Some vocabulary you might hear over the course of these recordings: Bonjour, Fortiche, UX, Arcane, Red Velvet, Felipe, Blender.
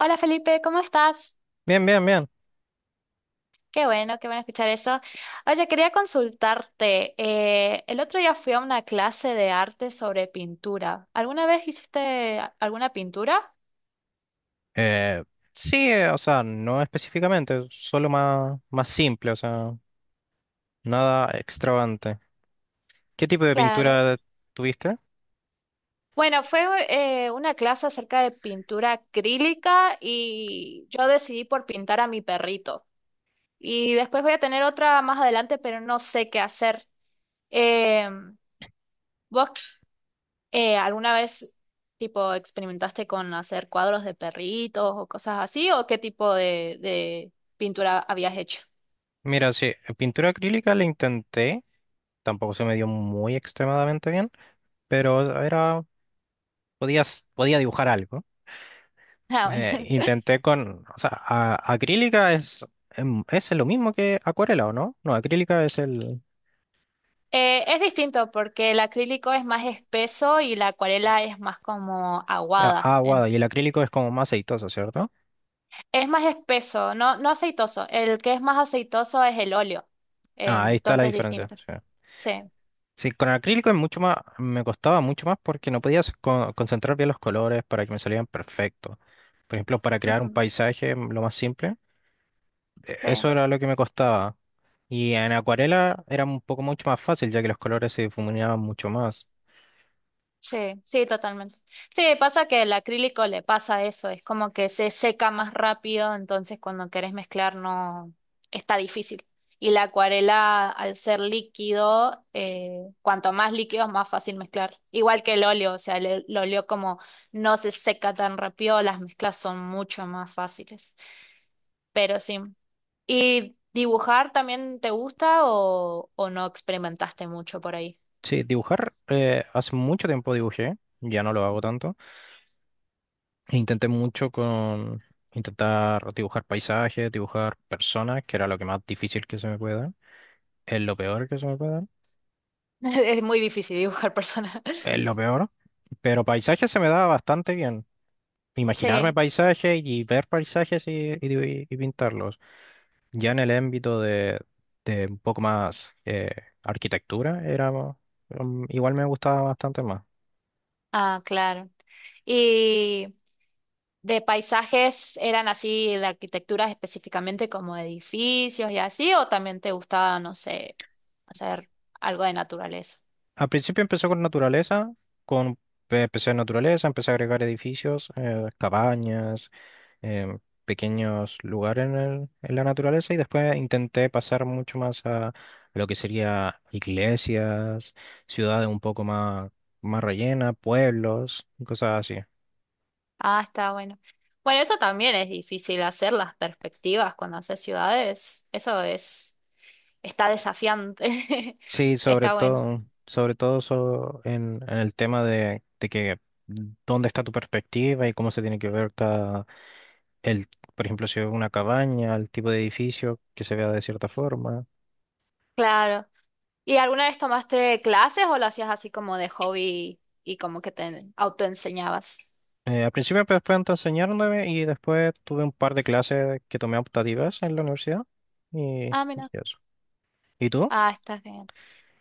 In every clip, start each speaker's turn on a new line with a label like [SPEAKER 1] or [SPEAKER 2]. [SPEAKER 1] Hola Felipe, ¿cómo estás?
[SPEAKER 2] Bien, bien, bien.
[SPEAKER 1] Qué bueno escuchar eso. Oye, quería consultarte. El otro día fui a una clase de arte sobre pintura. ¿Alguna vez hiciste alguna pintura?
[SPEAKER 2] Eh, sí, o sea, no específicamente, solo más simple, o sea, nada extravagante. ¿Qué tipo de
[SPEAKER 1] Claro.
[SPEAKER 2] pintura tuviste?
[SPEAKER 1] Bueno, fue una clase acerca de pintura acrílica y yo decidí por pintar a mi perrito. Y después voy a tener otra más adelante, pero no sé qué hacer. Eh, ¿Vos ¿alguna vez, tipo, experimentaste con hacer cuadros de perritos o cosas así? ¿O qué tipo de pintura habías hecho?
[SPEAKER 2] Mira, sí, pintura acrílica la intenté, tampoco se me dio muy extremadamente bien, pero podía dibujar algo.
[SPEAKER 1] Ah, bueno.
[SPEAKER 2] Intenté con, o sea, acrílica es, es lo mismo que acuarela, ¿o no? No, acrílica es el
[SPEAKER 1] Es distinto porque el acrílico es más espeso y la acuarela es más como aguada.
[SPEAKER 2] agua y el acrílico es como más aceitoso, ¿cierto?
[SPEAKER 1] Es más espeso, no, no aceitoso. El que es más aceitoso es el óleo.
[SPEAKER 2] Ah, ahí está la
[SPEAKER 1] Entonces,
[SPEAKER 2] diferencia.
[SPEAKER 1] distinto.
[SPEAKER 2] Sí.
[SPEAKER 1] Sí.
[SPEAKER 2] Sí, con el acrílico es mucho más, me costaba mucho más porque no podía concentrar bien los colores para que me salieran perfectos. Por ejemplo, para crear un
[SPEAKER 1] Ujú.
[SPEAKER 2] paisaje, lo más simple, eso
[SPEAKER 1] Sí.
[SPEAKER 2] era lo que me costaba. Y en acuarela era un poco mucho más fácil, ya que los colores se difuminaban mucho más.
[SPEAKER 1] Sí, sí, totalmente. Sí, pasa que el acrílico le pasa eso, es como que se seca más rápido, entonces cuando querés mezclar no está difícil. Y la acuarela, al ser líquido, cuanto más líquido, más fácil mezclar. Igual que el óleo, o sea, el óleo como no se seca tan rápido, las mezclas son mucho más fáciles. Pero sí. ¿Y dibujar también te gusta o no experimentaste mucho por ahí?
[SPEAKER 2] Sí, dibujar, hace mucho tiempo dibujé, ya no lo hago tanto. e intenté mucho con intentar dibujar paisajes, dibujar personas, que era lo que más difícil que se me pueda. Es lo peor que se me puede dar.
[SPEAKER 1] Es muy difícil dibujar personas.
[SPEAKER 2] Es lo peor. Pero paisaje se me daba bastante bien. Imaginarme
[SPEAKER 1] Sí.
[SPEAKER 2] paisajes y ver paisajes y pintarlos. Ya en el ámbito de un poco más arquitectura, era, igual me gustaba bastante más.
[SPEAKER 1] Ah, claro. Y de paisajes, ¿eran así de arquitecturas específicamente como edificios y así? ¿O también te gustaba, no sé, hacer algo de naturaleza?
[SPEAKER 2] Al principio empezó con naturaleza, con, empecé en naturaleza, empecé a agregar edificios, cabañas, eh, pequeños lugares en la naturaleza y después intenté pasar mucho más a lo que sería iglesias, ciudades un poco más, más rellenas, pueblos, y cosas así.
[SPEAKER 1] Ah, está bueno. Bueno, eso también es difícil hacer las perspectivas cuando haces ciudades. Eso es, está desafiante.
[SPEAKER 2] Sí,
[SPEAKER 1] Está bueno.
[SPEAKER 2] en, el tema de que dónde está tu perspectiva y cómo se tiene que ver cada, el, por ejemplo, si es una cabaña, el tipo de edificio que se vea de cierta forma.
[SPEAKER 1] Claro. ¿Y alguna vez tomaste clases o lo hacías así como de hobby y como que te autoenseñabas?
[SPEAKER 2] Al principio pues, fue entonces enseñándome y después tuve un par de clases que tomé optativas en la universidad y,
[SPEAKER 1] Ah,
[SPEAKER 2] y
[SPEAKER 1] mira.
[SPEAKER 2] eso. ¿Y tú?
[SPEAKER 1] Ah, está bien.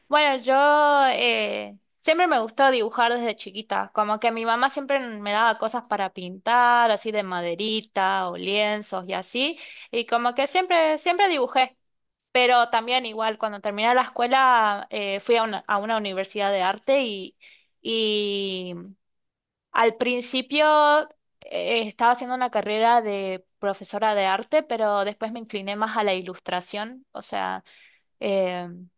[SPEAKER 1] Bueno, yo siempre me gustó dibujar desde chiquita, como que mi mamá siempre me daba cosas para pintar, así de maderita o lienzos y así, y como que siempre, siempre dibujé, pero también igual cuando terminé la escuela fui a una, universidad de arte y al principio estaba haciendo una carrera de profesora de arte, pero después me incliné más a la ilustración, o sea... em,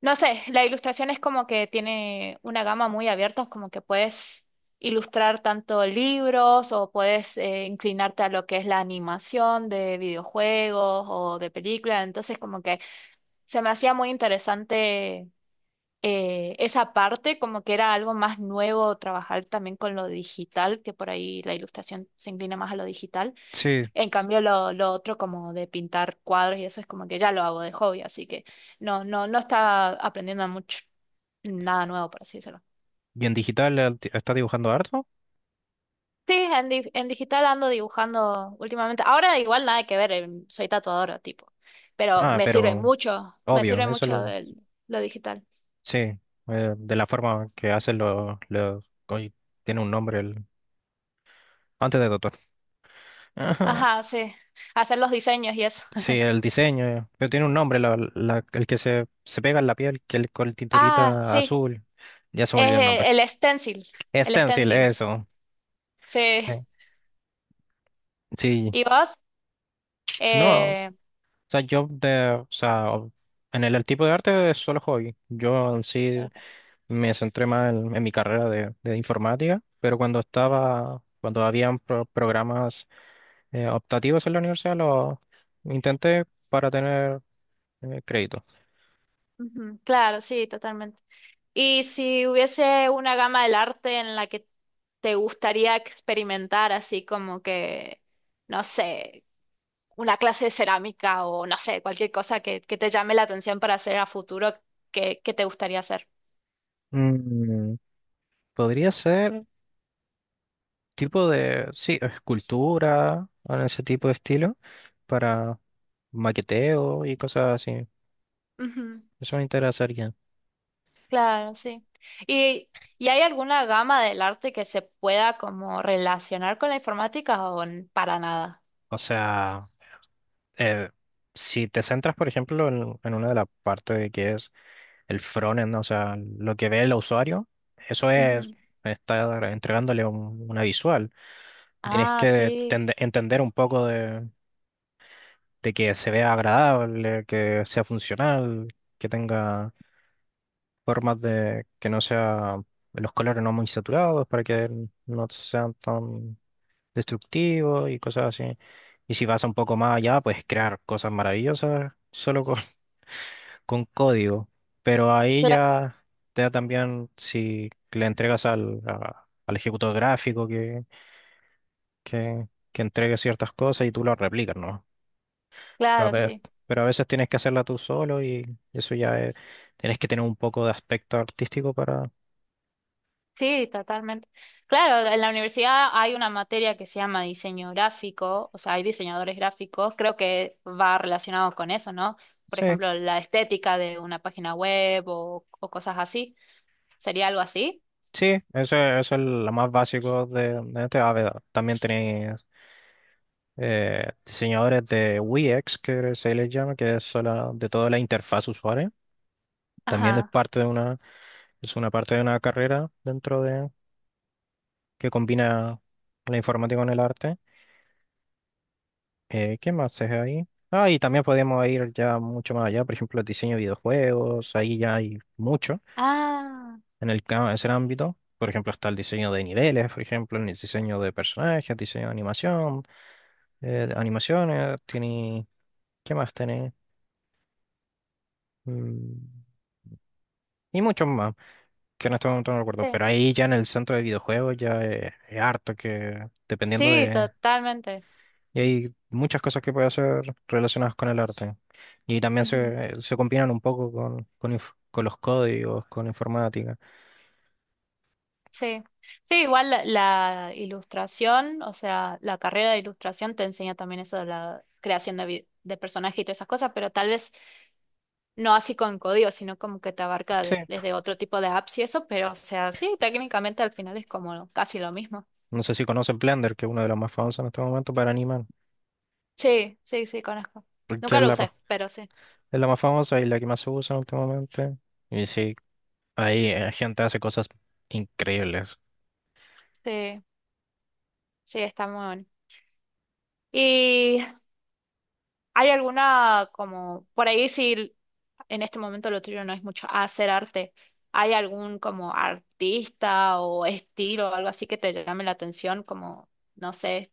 [SPEAKER 1] no sé, la ilustración es como que tiene una gama muy abierta, es como que puedes ilustrar tanto libros o puedes inclinarte a lo que es la animación de videojuegos o de películas, entonces como que se me hacía muy interesante esa parte, como que era algo más nuevo trabajar también con lo digital, que por ahí la ilustración se inclina más a lo digital.
[SPEAKER 2] Sí.
[SPEAKER 1] En cambio, lo otro como de pintar cuadros y eso es como que ya lo hago de hobby, así que no, no, no está aprendiendo mucho, nada nuevo, por así decirlo.
[SPEAKER 2] ¿Y en digital estás dibujando harto?
[SPEAKER 1] Sí, en digital ando dibujando últimamente. Ahora igual nada que ver, soy tatuadora, tipo. Pero
[SPEAKER 2] Ah, pero
[SPEAKER 1] me
[SPEAKER 2] obvio,
[SPEAKER 1] sirve
[SPEAKER 2] eso lo.
[SPEAKER 1] mucho lo digital.
[SPEAKER 2] Sí, de la forma que hacen hoy tiene un nombre el. Antes de Totó. Ajá.
[SPEAKER 1] Ajá, sí. Hacer los diseños y eso.
[SPEAKER 2] Sí, el diseño, pero tiene un nombre, el que se pega en la piel, que el, con el
[SPEAKER 1] Ah,
[SPEAKER 2] tinturita
[SPEAKER 1] sí.
[SPEAKER 2] azul, ya se me
[SPEAKER 1] Es
[SPEAKER 2] olvidó el nombre.
[SPEAKER 1] el stencil. El
[SPEAKER 2] Stencil,
[SPEAKER 1] stencil.
[SPEAKER 2] eso.
[SPEAKER 1] Sí.
[SPEAKER 2] Sí. Sí,
[SPEAKER 1] ¿Y vos?
[SPEAKER 2] no. O
[SPEAKER 1] Eh,
[SPEAKER 2] sea, yo de, o sea, o- en el tipo de arte es solo hobby. Yo en sí me centré más en mi carrera de informática, pero cuando habían programas optativos en la universidad, lo intenté para tener crédito.
[SPEAKER 1] ujú, claro, sí, totalmente. Y si hubiese una gama del arte en la que te gustaría experimentar, así como que, no sé, una clase de cerámica o no sé, cualquier cosa que te llame la atención para hacer a futuro, ¿qué te gustaría hacer?
[SPEAKER 2] Mm, Podría ser tipo de, sí, escultura, o ese tipo de estilo, para maqueteo y cosas así.
[SPEAKER 1] Ujú.
[SPEAKER 2] Eso me interesaría.
[SPEAKER 1] Claro, sí. ¿Y, y hay alguna gama del arte que se pueda como relacionar con la informática o n- para nada?
[SPEAKER 2] O sea, eh, si te centras, por ejemplo, en una de las partes de que es el frontend, ¿no? O sea, lo que ve el usuario, eso es
[SPEAKER 1] Ujú.
[SPEAKER 2] estar entregándole una visual. Tienes
[SPEAKER 1] Ah,
[SPEAKER 2] que
[SPEAKER 1] sí,
[SPEAKER 2] entender un poco de que se vea agradable, que sea funcional, que tenga formas de que no sea los colores no muy saturados para que no sean tan destructivos y cosas así. Y si vas un poco más allá, puedes crear cosas maravillosas solo con código, pero ahí
[SPEAKER 1] cla-
[SPEAKER 2] ya te da también si le entregas al ejecutor gráfico que entregue ciertas cosas y tú lo replicas, ¿no? Pero a
[SPEAKER 1] claro,
[SPEAKER 2] veces,
[SPEAKER 1] sí.
[SPEAKER 2] pero a veces tienes que hacerla tú solo y eso ya tienes que tener un poco de aspecto artístico para.
[SPEAKER 1] Sí, totalmente. Claro, en la universidad hay una materia que se llama diseño gráfico, o sea, hay diseñadores gráficos, creo que va relacionado con eso, ¿no? Por
[SPEAKER 2] Sí,
[SPEAKER 1] ejemplo, la estética de una página web o cosas así. ¿Sería algo así?
[SPEAKER 2] sí, eso, eso es lo más básico de este. A ver, también tenés, diseñadores de UX que se les llama, que es de toda la interfaz usuario. También es
[SPEAKER 1] Ajá.
[SPEAKER 2] parte de una es una parte de una carrera dentro de que combina la informática con el arte. ¿Qué más es ahí? Ah, y también podemos ir ya mucho más allá, por ejemplo, el diseño de videojuegos, ahí ya hay mucho
[SPEAKER 1] Ah,
[SPEAKER 2] ese ámbito. Por ejemplo, está el diseño de niveles, por ejemplo, el diseño de personajes, diseño de animación, animaciones, tiene, ¿qué más tiene? Mm, y muchos más, que en este momento no recuerdo,
[SPEAKER 1] sí.
[SPEAKER 2] pero ahí ya en el centro de videojuegos ya es harto que dependiendo.
[SPEAKER 1] Sí, totalmente.
[SPEAKER 2] Y hay muchas cosas que puede hacer relacionadas con el arte. Y también
[SPEAKER 1] Ujú.
[SPEAKER 2] se combinan un poco con, con los códigos, con informática.
[SPEAKER 1] Sí. Sí, igual la ilustración, o sea, la carrera de ilustración te enseña también eso de la creación de personajes y todas esas cosas, pero tal vez no así con código, sino como que te abarca
[SPEAKER 2] Sí,
[SPEAKER 1] desde otro tipo de apps y eso, pero o sea, sí, técnicamente al final es como casi lo mismo.
[SPEAKER 2] no sé si conocen Blender, que es una de las más famosas en este momento para animar,
[SPEAKER 1] Sí, sí, sí, conozco.
[SPEAKER 2] porque
[SPEAKER 1] Nunca lo usé, pero sí,
[SPEAKER 2] es la más famosa y la que más se usa en este momento. Y sí, ahí gente hace cosas increíbles.
[SPEAKER 1] sí, sí, está muy bueno. ¿Y hay alguna como, por ahí si en este momento lo tuyo no es mucho hacer arte, hay algún como artista o estilo o algo así que te llame la atención? Como, no sé,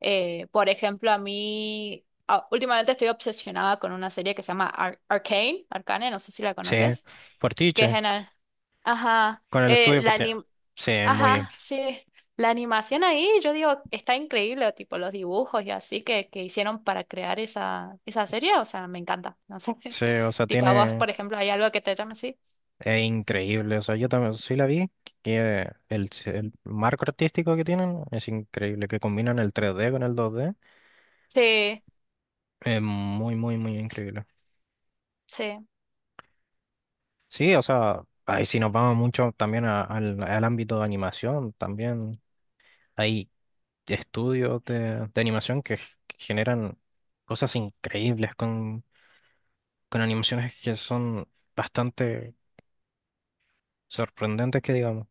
[SPEAKER 1] Por ejemplo, a mí últimamente estoy obsesionada con una serie que se llama Arcane, no sé si la
[SPEAKER 2] Sí,
[SPEAKER 1] conoces, que es
[SPEAKER 2] Fortiche,
[SPEAKER 1] en ajá,
[SPEAKER 2] con el estudio Fortiche. Sí, muy.
[SPEAKER 1] ajá, sí, la animación ahí, yo digo, está increíble, tipo los dibujos y así que hicieron para crear esa serie, o sea, me encanta, no sé.
[SPEAKER 2] Sí, o sea,
[SPEAKER 1] Tipo a vos,
[SPEAKER 2] tiene.
[SPEAKER 1] por ejemplo, hay algo que te llame así.
[SPEAKER 2] Es increíble, o sea, yo también sí la vi, que el marco artístico que tienen es increíble, que combinan el 3D con el 2D,
[SPEAKER 1] Sí,
[SPEAKER 2] es muy, muy, muy increíble.
[SPEAKER 1] sí,
[SPEAKER 2] Sí, o sea, ahí si nos vamos mucho también al ámbito de animación, también hay estudios de animación que generan cosas increíbles con, animaciones que son bastante sorprendentes, que digamos.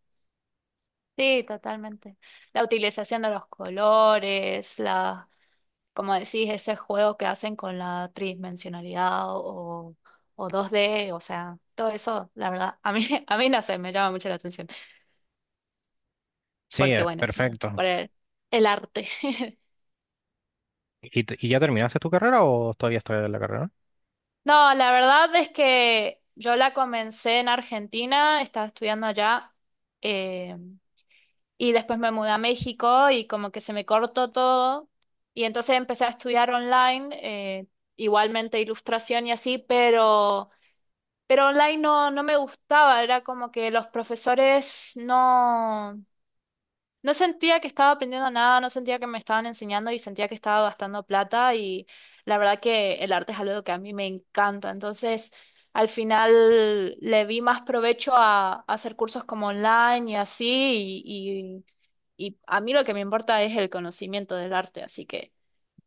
[SPEAKER 1] sí, totalmente. La utilización de los colores, las como decís, ese juego que hacen con la tridimensionalidad o 2D, o sea, todo eso, la verdad, a mí, a mí no sé, me llama mucho la atención,
[SPEAKER 2] Sí,
[SPEAKER 1] porque
[SPEAKER 2] es
[SPEAKER 1] bueno,
[SPEAKER 2] perfecto.
[SPEAKER 1] por el arte.
[SPEAKER 2] ¿Y ya terminaste tu carrera o todavía estás en la carrera?
[SPEAKER 1] No, la verdad es que yo la comencé en Argentina, estaba estudiando allá, eh, y después me mudé a México y como que se me cortó todo, y entonces empecé a estudiar online, igualmente ilustración y así, pero... Pero online no, no me gustaba, era como que los profesores no, no sentía que estaba aprendiendo nada, no sentía que me estaban enseñando y sentía que estaba gastando plata y la verdad que el arte es algo que a mí me encanta. Entonces, al final le vi más provecho a, hacer cursos como online y así y, y a mí lo que me importa es el conocimiento del arte, así que...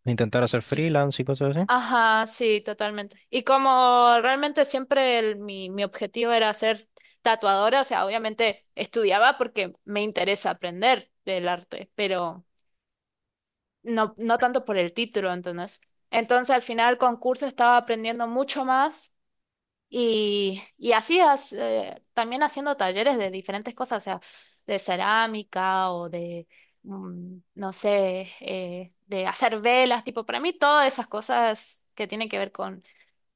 [SPEAKER 2] Intentar hacer
[SPEAKER 1] Si,
[SPEAKER 2] freelance y cosas así.
[SPEAKER 1] ajá, sí, totalmente. Y como realmente siempre mi objetivo era ser tatuadora, o sea, obviamente estudiaba porque me interesa aprender del arte, pero no, no tanto por el título, entonces. Entonces, al final, con curso estaba aprendiendo mucho más y así también haciendo talleres de diferentes cosas, o sea, de cerámica o de, no sé, de hacer velas, tipo, para mí todas esas cosas que tienen que ver con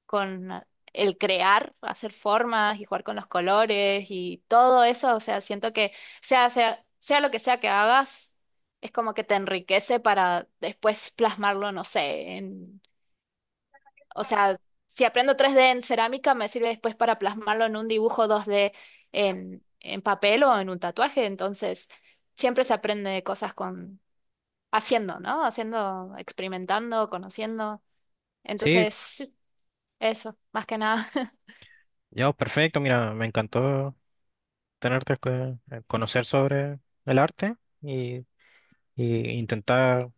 [SPEAKER 1] con el crear, hacer formas y jugar con los colores y todo eso, o sea, siento que sea lo que sea que hagas, es como que te enriquece para después plasmarlo, no sé, en, o sea, si aprendo 3D en cerámica, me sirve después para plasmarlo en un dibujo 2D en papel o en un tatuaje, entonces siempre se aprende cosas con haciendo, ¿no? Haciendo, experimentando, conociendo.
[SPEAKER 2] Sí,
[SPEAKER 1] Entonces, sí, eso, más que nada.
[SPEAKER 2] ya, pues, perfecto. Mira, me encantó tenerte, conocer sobre el arte y intentar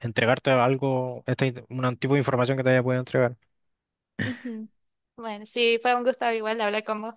[SPEAKER 2] entregarte algo, este, un tipo de información que te haya podido entregar.
[SPEAKER 1] Ujú. Bueno, sí, fue un gusto igual hablar con vos.